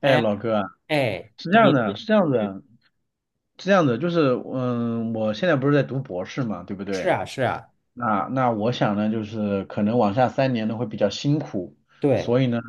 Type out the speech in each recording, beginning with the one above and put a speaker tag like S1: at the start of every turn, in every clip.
S1: 哎，
S2: 哎
S1: 老哥，
S2: 哎。
S1: 是这样的，是这样
S2: 嗯。
S1: 的，是这样的，就是，我现在不是在读博士嘛，对不
S2: 是
S1: 对？
S2: 啊是啊。
S1: 那我想呢，就是可能往下三年呢会比较辛苦，
S2: 对。
S1: 所以呢，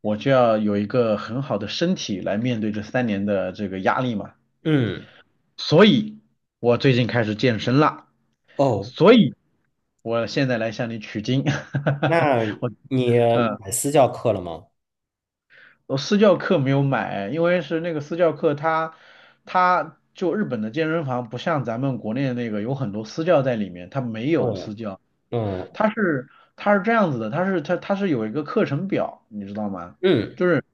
S1: 我就要有一个很好的身体来面对这三年的这个压力嘛。
S2: 嗯。
S1: 所以，我最近开始健身啦，
S2: 哦。
S1: 所以我现在来向你取经，
S2: 那
S1: 我，
S2: 你
S1: 嗯。
S2: 买私教课了吗？
S1: 我私教课没有买，因为是那个私教课它，它就日本的健身房不像咱们国内的那个有很多私教在里面，它没有
S2: 对。
S1: 私教，
S2: 嗯。
S1: 它是它是这样子的，它是有一个课程表，你知道吗？
S2: 嗯。
S1: 就是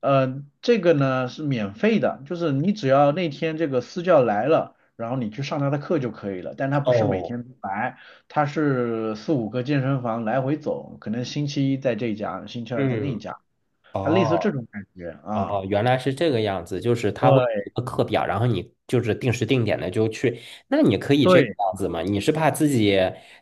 S1: 这个呢是免费的，就是你只要那天这个私教来了，然后你去上他的课就可以了，但他不是每
S2: 哦。
S1: 天都来，他是四五个健身房来回走，可能星期一在这一家，星期二在那一
S2: 嗯。
S1: 家，它类似这
S2: 哦。
S1: 种感觉
S2: 哦，
S1: 啊。
S2: 原来是这个样子，就是他会有
S1: 对
S2: 一个课表，然后你就是定时定点的就去。那你可以这个
S1: 对，
S2: 样子吗？你是怕自己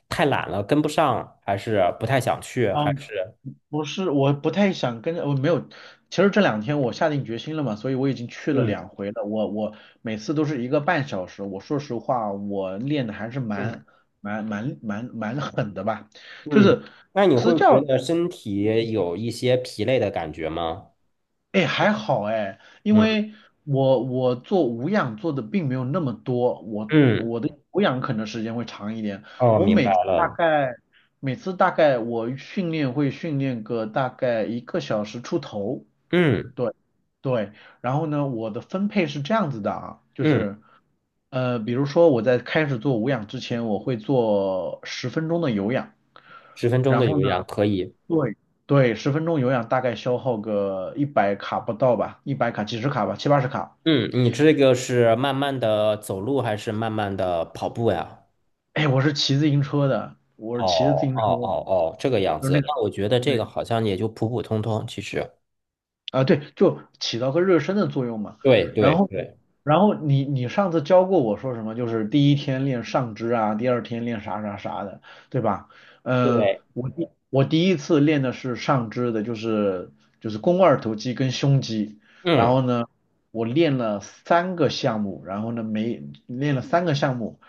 S2: 太懒了跟不上，还是不太想去，还
S1: 嗯，
S2: 是
S1: 不是，我不太想跟着我没有。其实这两天我下定决心了嘛，所以我已经去了
S2: 嗯
S1: 两回了。我每次都是一个半小时。我说实话，我练的还是
S2: 嗯
S1: 蛮狠的吧。就
S2: 嗯？
S1: 是
S2: 那你
S1: 私
S2: 会觉
S1: 教，
S2: 得身体有一些疲累的感觉吗？
S1: 哎，还好哎，因
S2: 嗯。
S1: 为我做无氧做的并没有那么多，我
S2: 嗯，
S1: 我的有氧可能时间会长一点。
S2: 哦，
S1: 我
S2: 明
S1: 每
S2: 白
S1: 次大
S2: 了。
S1: 概每次大概我训练会训练个大概一个小时出头，
S2: 嗯
S1: 对对。然后呢，我的分配是这样子的啊，就
S2: 嗯，
S1: 是比如说我在开始做无氧之前，我会做十分钟的有氧，
S2: 10分钟
S1: 然
S2: 的
S1: 后
S2: 有
S1: 呢。
S2: 氧可以。
S1: 对对，十分钟有氧大概消耗个一百卡不到吧，一百卡几十卡吧，七八十卡。
S2: 嗯，你这个是慢慢的走路还是慢慢的跑步呀？
S1: 哎，我是骑自行车的，我是
S2: 哦
S1: 骑着自行
S2: 哦
S1: 车，
S2: 哦哦，这个样
S1: 就是那
S2: 子。
S1: 个。
S2: 那我觉得这个
S1: 对
S2: 好像也就普普通通，其实。
S1: 啊，对，就起到个热身的作用嘛。
S2: 对
S1: 然
S2: 对
S1: 后，
S2: 对
S1: 然后你上次教过我说什么？就是第一天练上肢啊，第二天练啥啥啥的，对吧？嗯、
S2: 对。
S1: 我第一次练的是上肢的，就是肱二头肌跟胸肌。然
S2: 嗯。
S1: 后呢，我练了三个项目，然后呢每练了三个项目，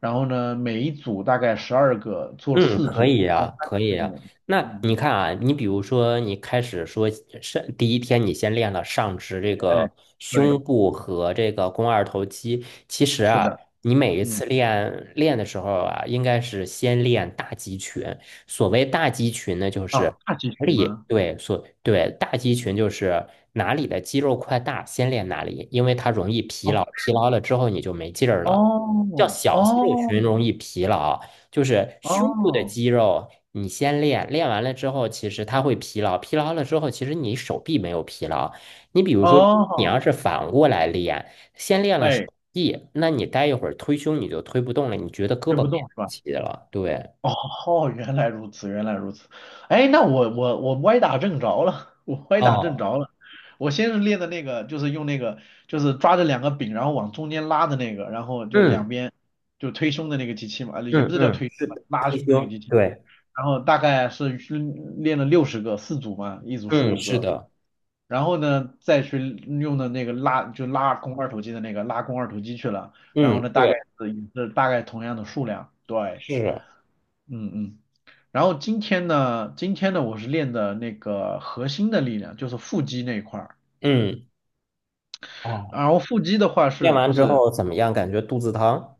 S1: 然后呢每一组大概十二个，做了
S2: 嗯，
S1: 四
S2: 可
S1: 组，
S2: 以
S1: 然后
S2: 呀，
S1: 三个
S2: 可以
S1: 项
S2: 呀。
S1: 目。
S2: 那
S1: 嗯，
S2: 你看啊，你比如说，你开始说上第一天，你先练了上肢这
S1: 哎，
S2: 个胸
S1: 对，
S2: 部和这个肱二头肌。其实
S1: 是
S2: 啊，
S1: 的。
S2: 你每一
S1: 嗯。
S2: 次练的时候啊，应该是先练大肌群。所谓大肌群呢，就
S1: 啊，
S2: 是
S1: 大集
S2: 哪
S1: 群
S2: 里，
S1: 吗？
S2: 对。所对大肌群就是哪里的肌肉块大，先练哪里，因为它容易疲
S1: 哦
S2: 劳，疲劳了之后你就没劲儿了。叫
S1: 哦
S2: 小肌肉
S1: 哦
S2: 群容易疲劳。就是胸部的
S1: 哦
S2: 肌肉，你先练，练完了之后，其实它会疲劳，疲劳了之后，其实你手臂没有疲劳。你比如说，你
S1: 哦，
S2: 要是反过来练，先练了手
S1: 哎，
S2: 臂，那你待一会儿推胸你就推不动了，你觉得胳
S1: 推
S2: 膊
S1: 不
S2: 没力
S1: 动是吧？
S2: 气了，对。
S1: 哦，原来如此，原来如此。哎，那我歪打正着了，我歪打正
S2: 哦。
S1: 着了。我先是练的那个，就是用那个，就是抓着两个柄，然后往中间拉的那个，然后就两
S2: 嗯，
S1: 边就推胸的那个机器嘛，啊，也
S2: 嗯，
S1: 不是叫
S2: 嗯，
S1: 推胸吧拉
S2: 推
S1: 胸的那个
S2: 胸，
S1: 机器嘛。
S2: 对。
S1: 然后大概是去练了六十个，四组嘛，一组十
S2: 嗯，
S1: 五
S2: 是
S1: 个。
S2: 的。
S1: 然后呢，再去用的那个拉，就拉肱二头肌去了。然后
S2: 嗯，
S1: 呢，大概
S2: 对。
S1: 是也是大概同样的数量，对。
S2: 是。
S1: 嗯嗯，然后今天呢，今天呢，我是练的那个核心的力量，就是腹肌那一块儿。
S2: 嗯。哦，
S1: 然后腹肌的话
S2: 练
S1: 是
S2: 完
S1: 就
S2: 之
S1: 是，
S2: 后怎么样？感觉肚子疼？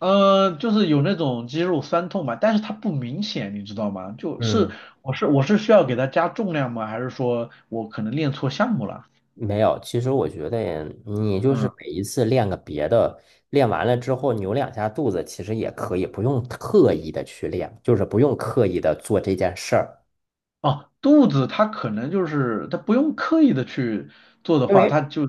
S1: 就是有那种肌肉酸痛嘛，但是它不明显，你知道吗？就是
S2: 嗯。
S1: 我是需要给它加重量吗？还是说我可能练错项目了？
S2: 没有，其实我觉得你就
S1: 嗯，
S2: 是每一次练个别的，练完了之后扭两下肚子，其实也可以，不用特意的去练，就是不用刻意的做这件事儿，
S1: 哦，肚子它可能就是它不用刻意的去做的
S2: 因
S1: 话，
S2: 为
S1: 它就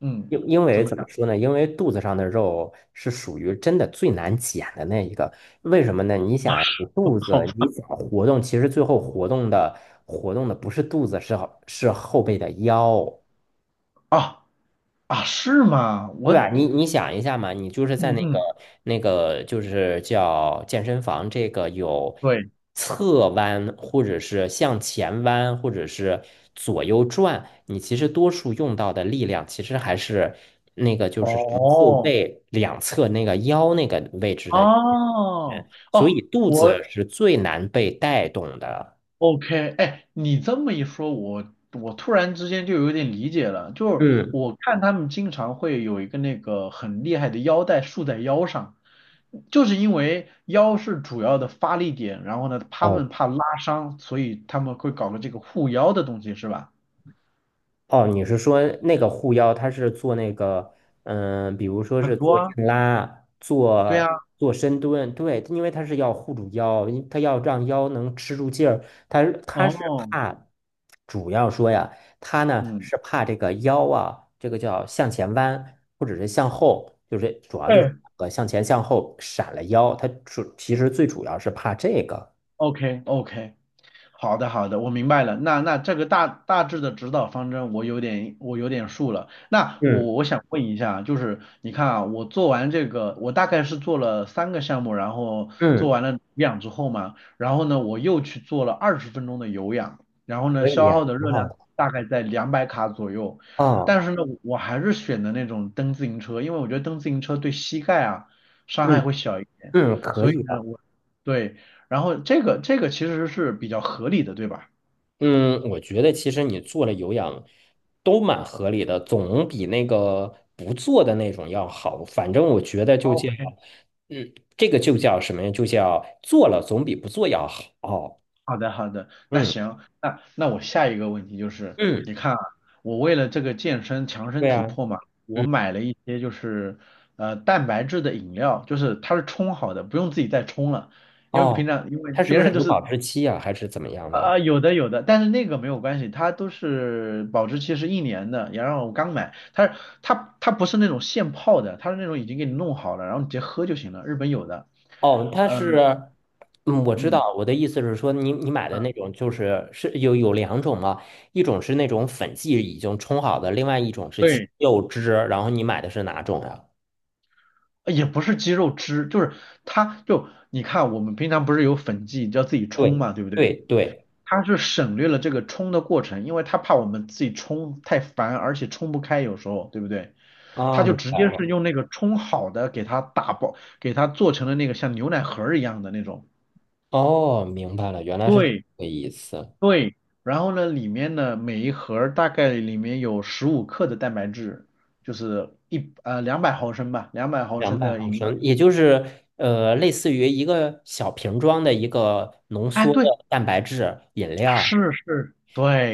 S1: 嗯，怎么
S2: 怎么
S1: 讲？
S2: 说呢？因为肚子上的肉是属于真的最难减的那一个，为什么呢？你想呀，你
S1: 哦
S2: 肚子你
S1: 好
S2: 想活动，其实最后活动的不是肚子，是是后背的腰。
S1: 啊啊，是吗？
S2: 对
S1: 我
S2: 吧？你想一下嘛，你就是在
S1: 嗯
S2: 那个
S1: 嗯。
S2: 那个就是叫健身房，这个有
S1: 对。
S2: 侧弯，或者是向前弯，或者是左右转，你其实多数用到的力量其实还是那个就是什么后
S1: 哦，
S2: 背两侧那个腰那个位置的
S1: 哦，
S2: 人，所
S1: 哦，
S2: 以肚子
S1: 我
S2: 是最难被带动的。
S1: OK，哎，你这么一说，我突然之间就有点理解了，就是
S2: 嗯。
S1: 我看他们经常会有一个那个很厉害的腰带束在腰上，就是因为腰是主要的发力点，然后呢，他们
S2: 哦。
S1: 怕拉伤，所以他们会搞个这个护腰的东西，是吧？
S2: 哦，你是说那个护腰，它是做那个，嗯，比如说
S1: 很
S2: 是
S1: 多
S2: 做
S1: 啊，
S2: 硬拉，
S1: 对啊，
S2: 做深蹲，对，因为它是要护住腰，因它要让腰能吃住劲儿，它是
S1: 哦，
S2: 怕，主要说呀，它呢
S1: 嗯，
S2: 是怕这个腰啊，这个叫向前弯，或者是向后，就是主要就
S1: 哎
S2: 是向前向后闪了腰，其实最主要是怕这个。
S1: ，OK OK，好的，好的，我明白了。那那这个大致的指导方针，我有点数了。那
S2: 嗯
S1: 我想问一下，就是你看啊，我做完这个，我大概是做了三个项目，然后做
S2: 嗯，
S1: 完了有氧之后嘛，然后呢，我又去做了二十分钟的有氧，然后呢，
S2: 可以
S1: 消
S2: 呀，
S1: 耗的
S2: 很
S1: 热
S2: 好
S1: 量
S2: 的。
S1: 大概在两百卡左右。
S2: 哦。
S1: 但是呢，我还是选的那种蹬自行车，因为我觉得蹬自行车对膝盖啊伤害
S2: 嗯
S1: 会小一点，
S2: 嗯，可
S1: 所以
S2: 以
S1: 呢，
S2: 的。
S1: 我。对，然后这个其实是比较合理的，对吧？
S2: 嗯，我觉得其实你做了有氧都蛮合理的，总比那个不做的那种要好。反正我觉得就叫，
S1: OK，
S2: 嗯，这个就叫什么呀？就叫做了总比不做要好。
S1: 好的，好的，那
S2: 嗯
S1: 行，那那我下一个问题就是，你
S2: 嗯。
S1: 看啊，我为了这个健身强身
S2: 对
S1: 体
S2: 啊。
S1: 魄嘛，我
S2: 嗯。
S1: 买了一些就是蛋白质的饮料，就是它是冲好的，不用自己再冲了，因为平
S2: 哦，
S1: 常因为
S2: 它是
S1: 别
S2: 不是
S1: 人就
S2: 有
S1: 是
S2: 保质期呀、还是怎么样
S1: 啊、啊
S2: 的？
S1: 有的有的，但是那个没有关系，它都是保质期是一年的，然后我刚买，它不是那种现泡的，它是那种已经给你弄好了，然后你直接喝就行了，日本有的。
S2: 哦，它
S1: 呃
S2: 是，嗯，我知
S1: 嗯，
S2: 道，我的意思是说你买的那种就是是有两种嘛，一种是那种粉剂已经冲好的，另外一种是鸡
S1: 对，
S2: 肉汁，然后你买的是哪种呀？
S1: 也不是鸡肉汁，就是它就你看，我们平常不是有粉剂，你要自己冲
S2: 对
S1: 嘛，对不对？
S2: 对对。
S1: 它是省略了这个冲的过程，因为它怕我们自己冲太烦，而且冲不开，有时候，对不对？它
S2: 啊，
S1: 就
S2: 明
S1: 直
S2: 白
S1: 接是
S2: 了。
S1: 用那个冲好的给它打包，给它做成了那个像牛奶盒儿一样的那种。
S2: 哦，明白了，原来是这
S1: 对
S2: 个意思。
S1: 对，然后呢，里面呢每一盒儿大概里面有十五克的蛋白质，就是两百毫升吧，两百毫
S2: 两
S1: 升
S2: 百
S1: 的
S2: 毫
S1: 饮料。
S2: 升，也就是类似于一个小瓶装的一个浓
S1: 哎，
S2: 缩的
S1: 对，
S2: 蛋白质饮料。
S1: 是是，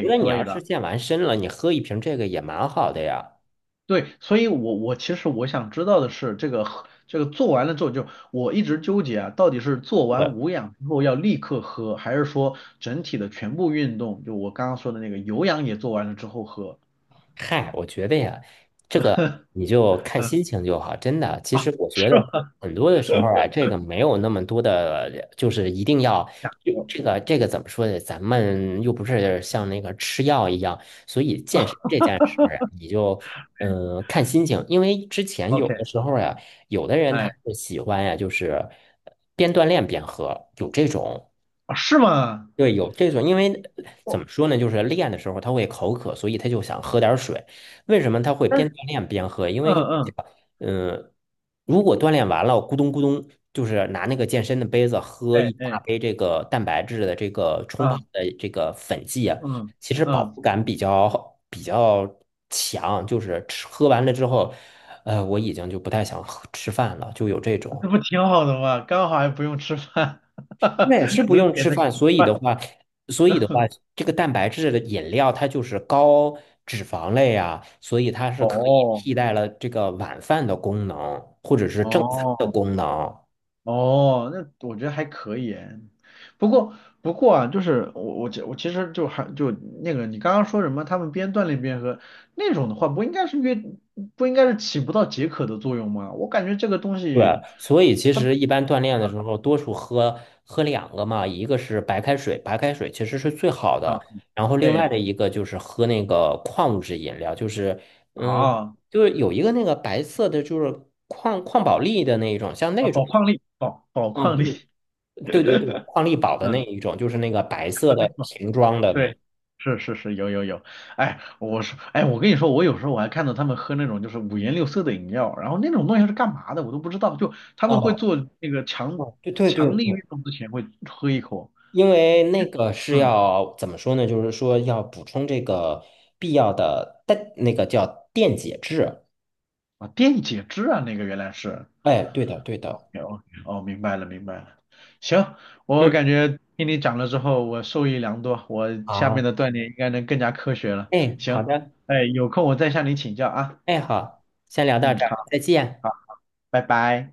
S2: 觉得你要
S1: 对
S2: 是
S1: 的，
S2: 健完身了，你喝一瓶这个也蛮好的呀。
S1: 对，所以我其实想知道的是，这个喝这个做完了之后就，我一直纠结啊，到底是做完
S2: 对。
S1: 无氧之后要立刻喝，还是说整体的全部运动，就我刚刚说的那个有氧也做完了之后喝？
S2: 嗨，我觉得呀，这个你就 看
S1: 嗯
S2: 心情就好，真的。其
S1: 啊，
S2: 实我
S1: 是
S2: 觉得
S1: 吗？
S2: 很多的时候啊，这个没有那么多的，就是一定要
S1: 想
S2: 就
S1: 喝
S2: 这个怎么说呢？咱们又不是像那个吃药一样，所以健身这件事儿啊，你就看心情，因为之前有
S1: ，OK，
S2: 的时候呀，有的人他
S1: 哎，
S2: 是喜欢呀，就是边锻炼边喝，有这种。
S1: 啊是吗
S2: 对，有这种，因为
S1: 想喝 o k 哎是吗
S2: 怎
S1: 哦，
S2: 么说呢？就是练的时候他会口渴，所以他就想喝点儿水。为什么他会
S1: 但
S2: 边
S1: 是
S2: 锻炼边喝？因
S1: 嗯
S2: 为就是讲，
S1: 嗯，
S2: 嗯、如果锻炼完了，咕咚咕咚，就是拿那个健身的杯子喝
S1: 哎
S2: 一大
S1: 哎
S2: 杯这个蛋白质的这个冲泡
S1: 啊
S2: 的这个粉剂啊，
S1: 嗯
S2: 其实饱
S1: 嗯，
S2: 腹感比较强，就是吃喝完了之后，我已经就不太想喝吃饭了，就有这
S1: 这
S2: 种。
S1: 不挺好的吗？刚好还不用吃饭，哈哈，
S2: 那也是
S1: 不
S2: 不
S1: 是
S2: 用
S1: 点
S2: 吃
S1: 的
S2: 饭，所以的话，所以的话，这个蛋白质的饮料它就是高脂肪类啊，所以它是可以
S1: 哦
S2: 替代了这个晚饭的功能，或者是正餐的
S1: 哦。
S2: 功能。
S1: 哦，那我觉得还可以诶。不过不过啊，就是我其实就还就那个你刚刚说什么，他们边锻炼边喝那种的话，不应该是越不应该是起不到解渴的作用吗？我感觉这个东
S2: 对，
S1: 西
S2: 所以其
S1: 它
S2: 实一般锻炼的时候，多数喝两个嘛，一个是白开水，白开水其实是最好的，
S1: 啊
S2: 然后另外
S1: 哎
S2: 的一个就是喝那个矿物质饮料，嗯，
S1: 啊
S2: 就是有一个那个白色的，就是矿宝力的那一种，像
S1: 啊
S2: 那种。
S1: 宝矿力宝宝
S2: 嗯，
S1: 矿力，
S2: 对。对对对，矿力宝 的
S1: 嗯
S2: 那一种，就是那个白色的瓶装的
S1: 对，
S2: 那。
S1: 是是是，有有有，哎，我说，哎，我跟你说，我有时候我还看到他们喝那种就是五颜六色的饮料，然后那种东西是干嘛的，我都不知道，就他们会
S2: 哦。
S1: 做那个
S2: 哦，对对
S1: 强
S2: 对
S1: 力运
S2: 对，
S1: 动之前会喝一口，
S2: 因为那个是
S1: 嗯，
S2: 要怎么说呢？就是说要补充这个必要的那个叫电解质。
S1: 啊，电解质啊，那个原来是
S2: 哎，对的对的。
S1: ，OK OK，哦，明白了明白了，行，我
S2: 嗯，
S1: 感觉听你讲了之后，我受益良多，我下面
S2: 好。
S1: 的锻炼应该能更加科学了，
S2: 哎，好
S1: 行，
S2: 的。
S1: 哎，有空我再向你请教啊，
S2: 哎，好，先聊到
S1: 嗯，
S2: 这
S1: 好
S2: 儿，再见。
S1: 好，拜拜。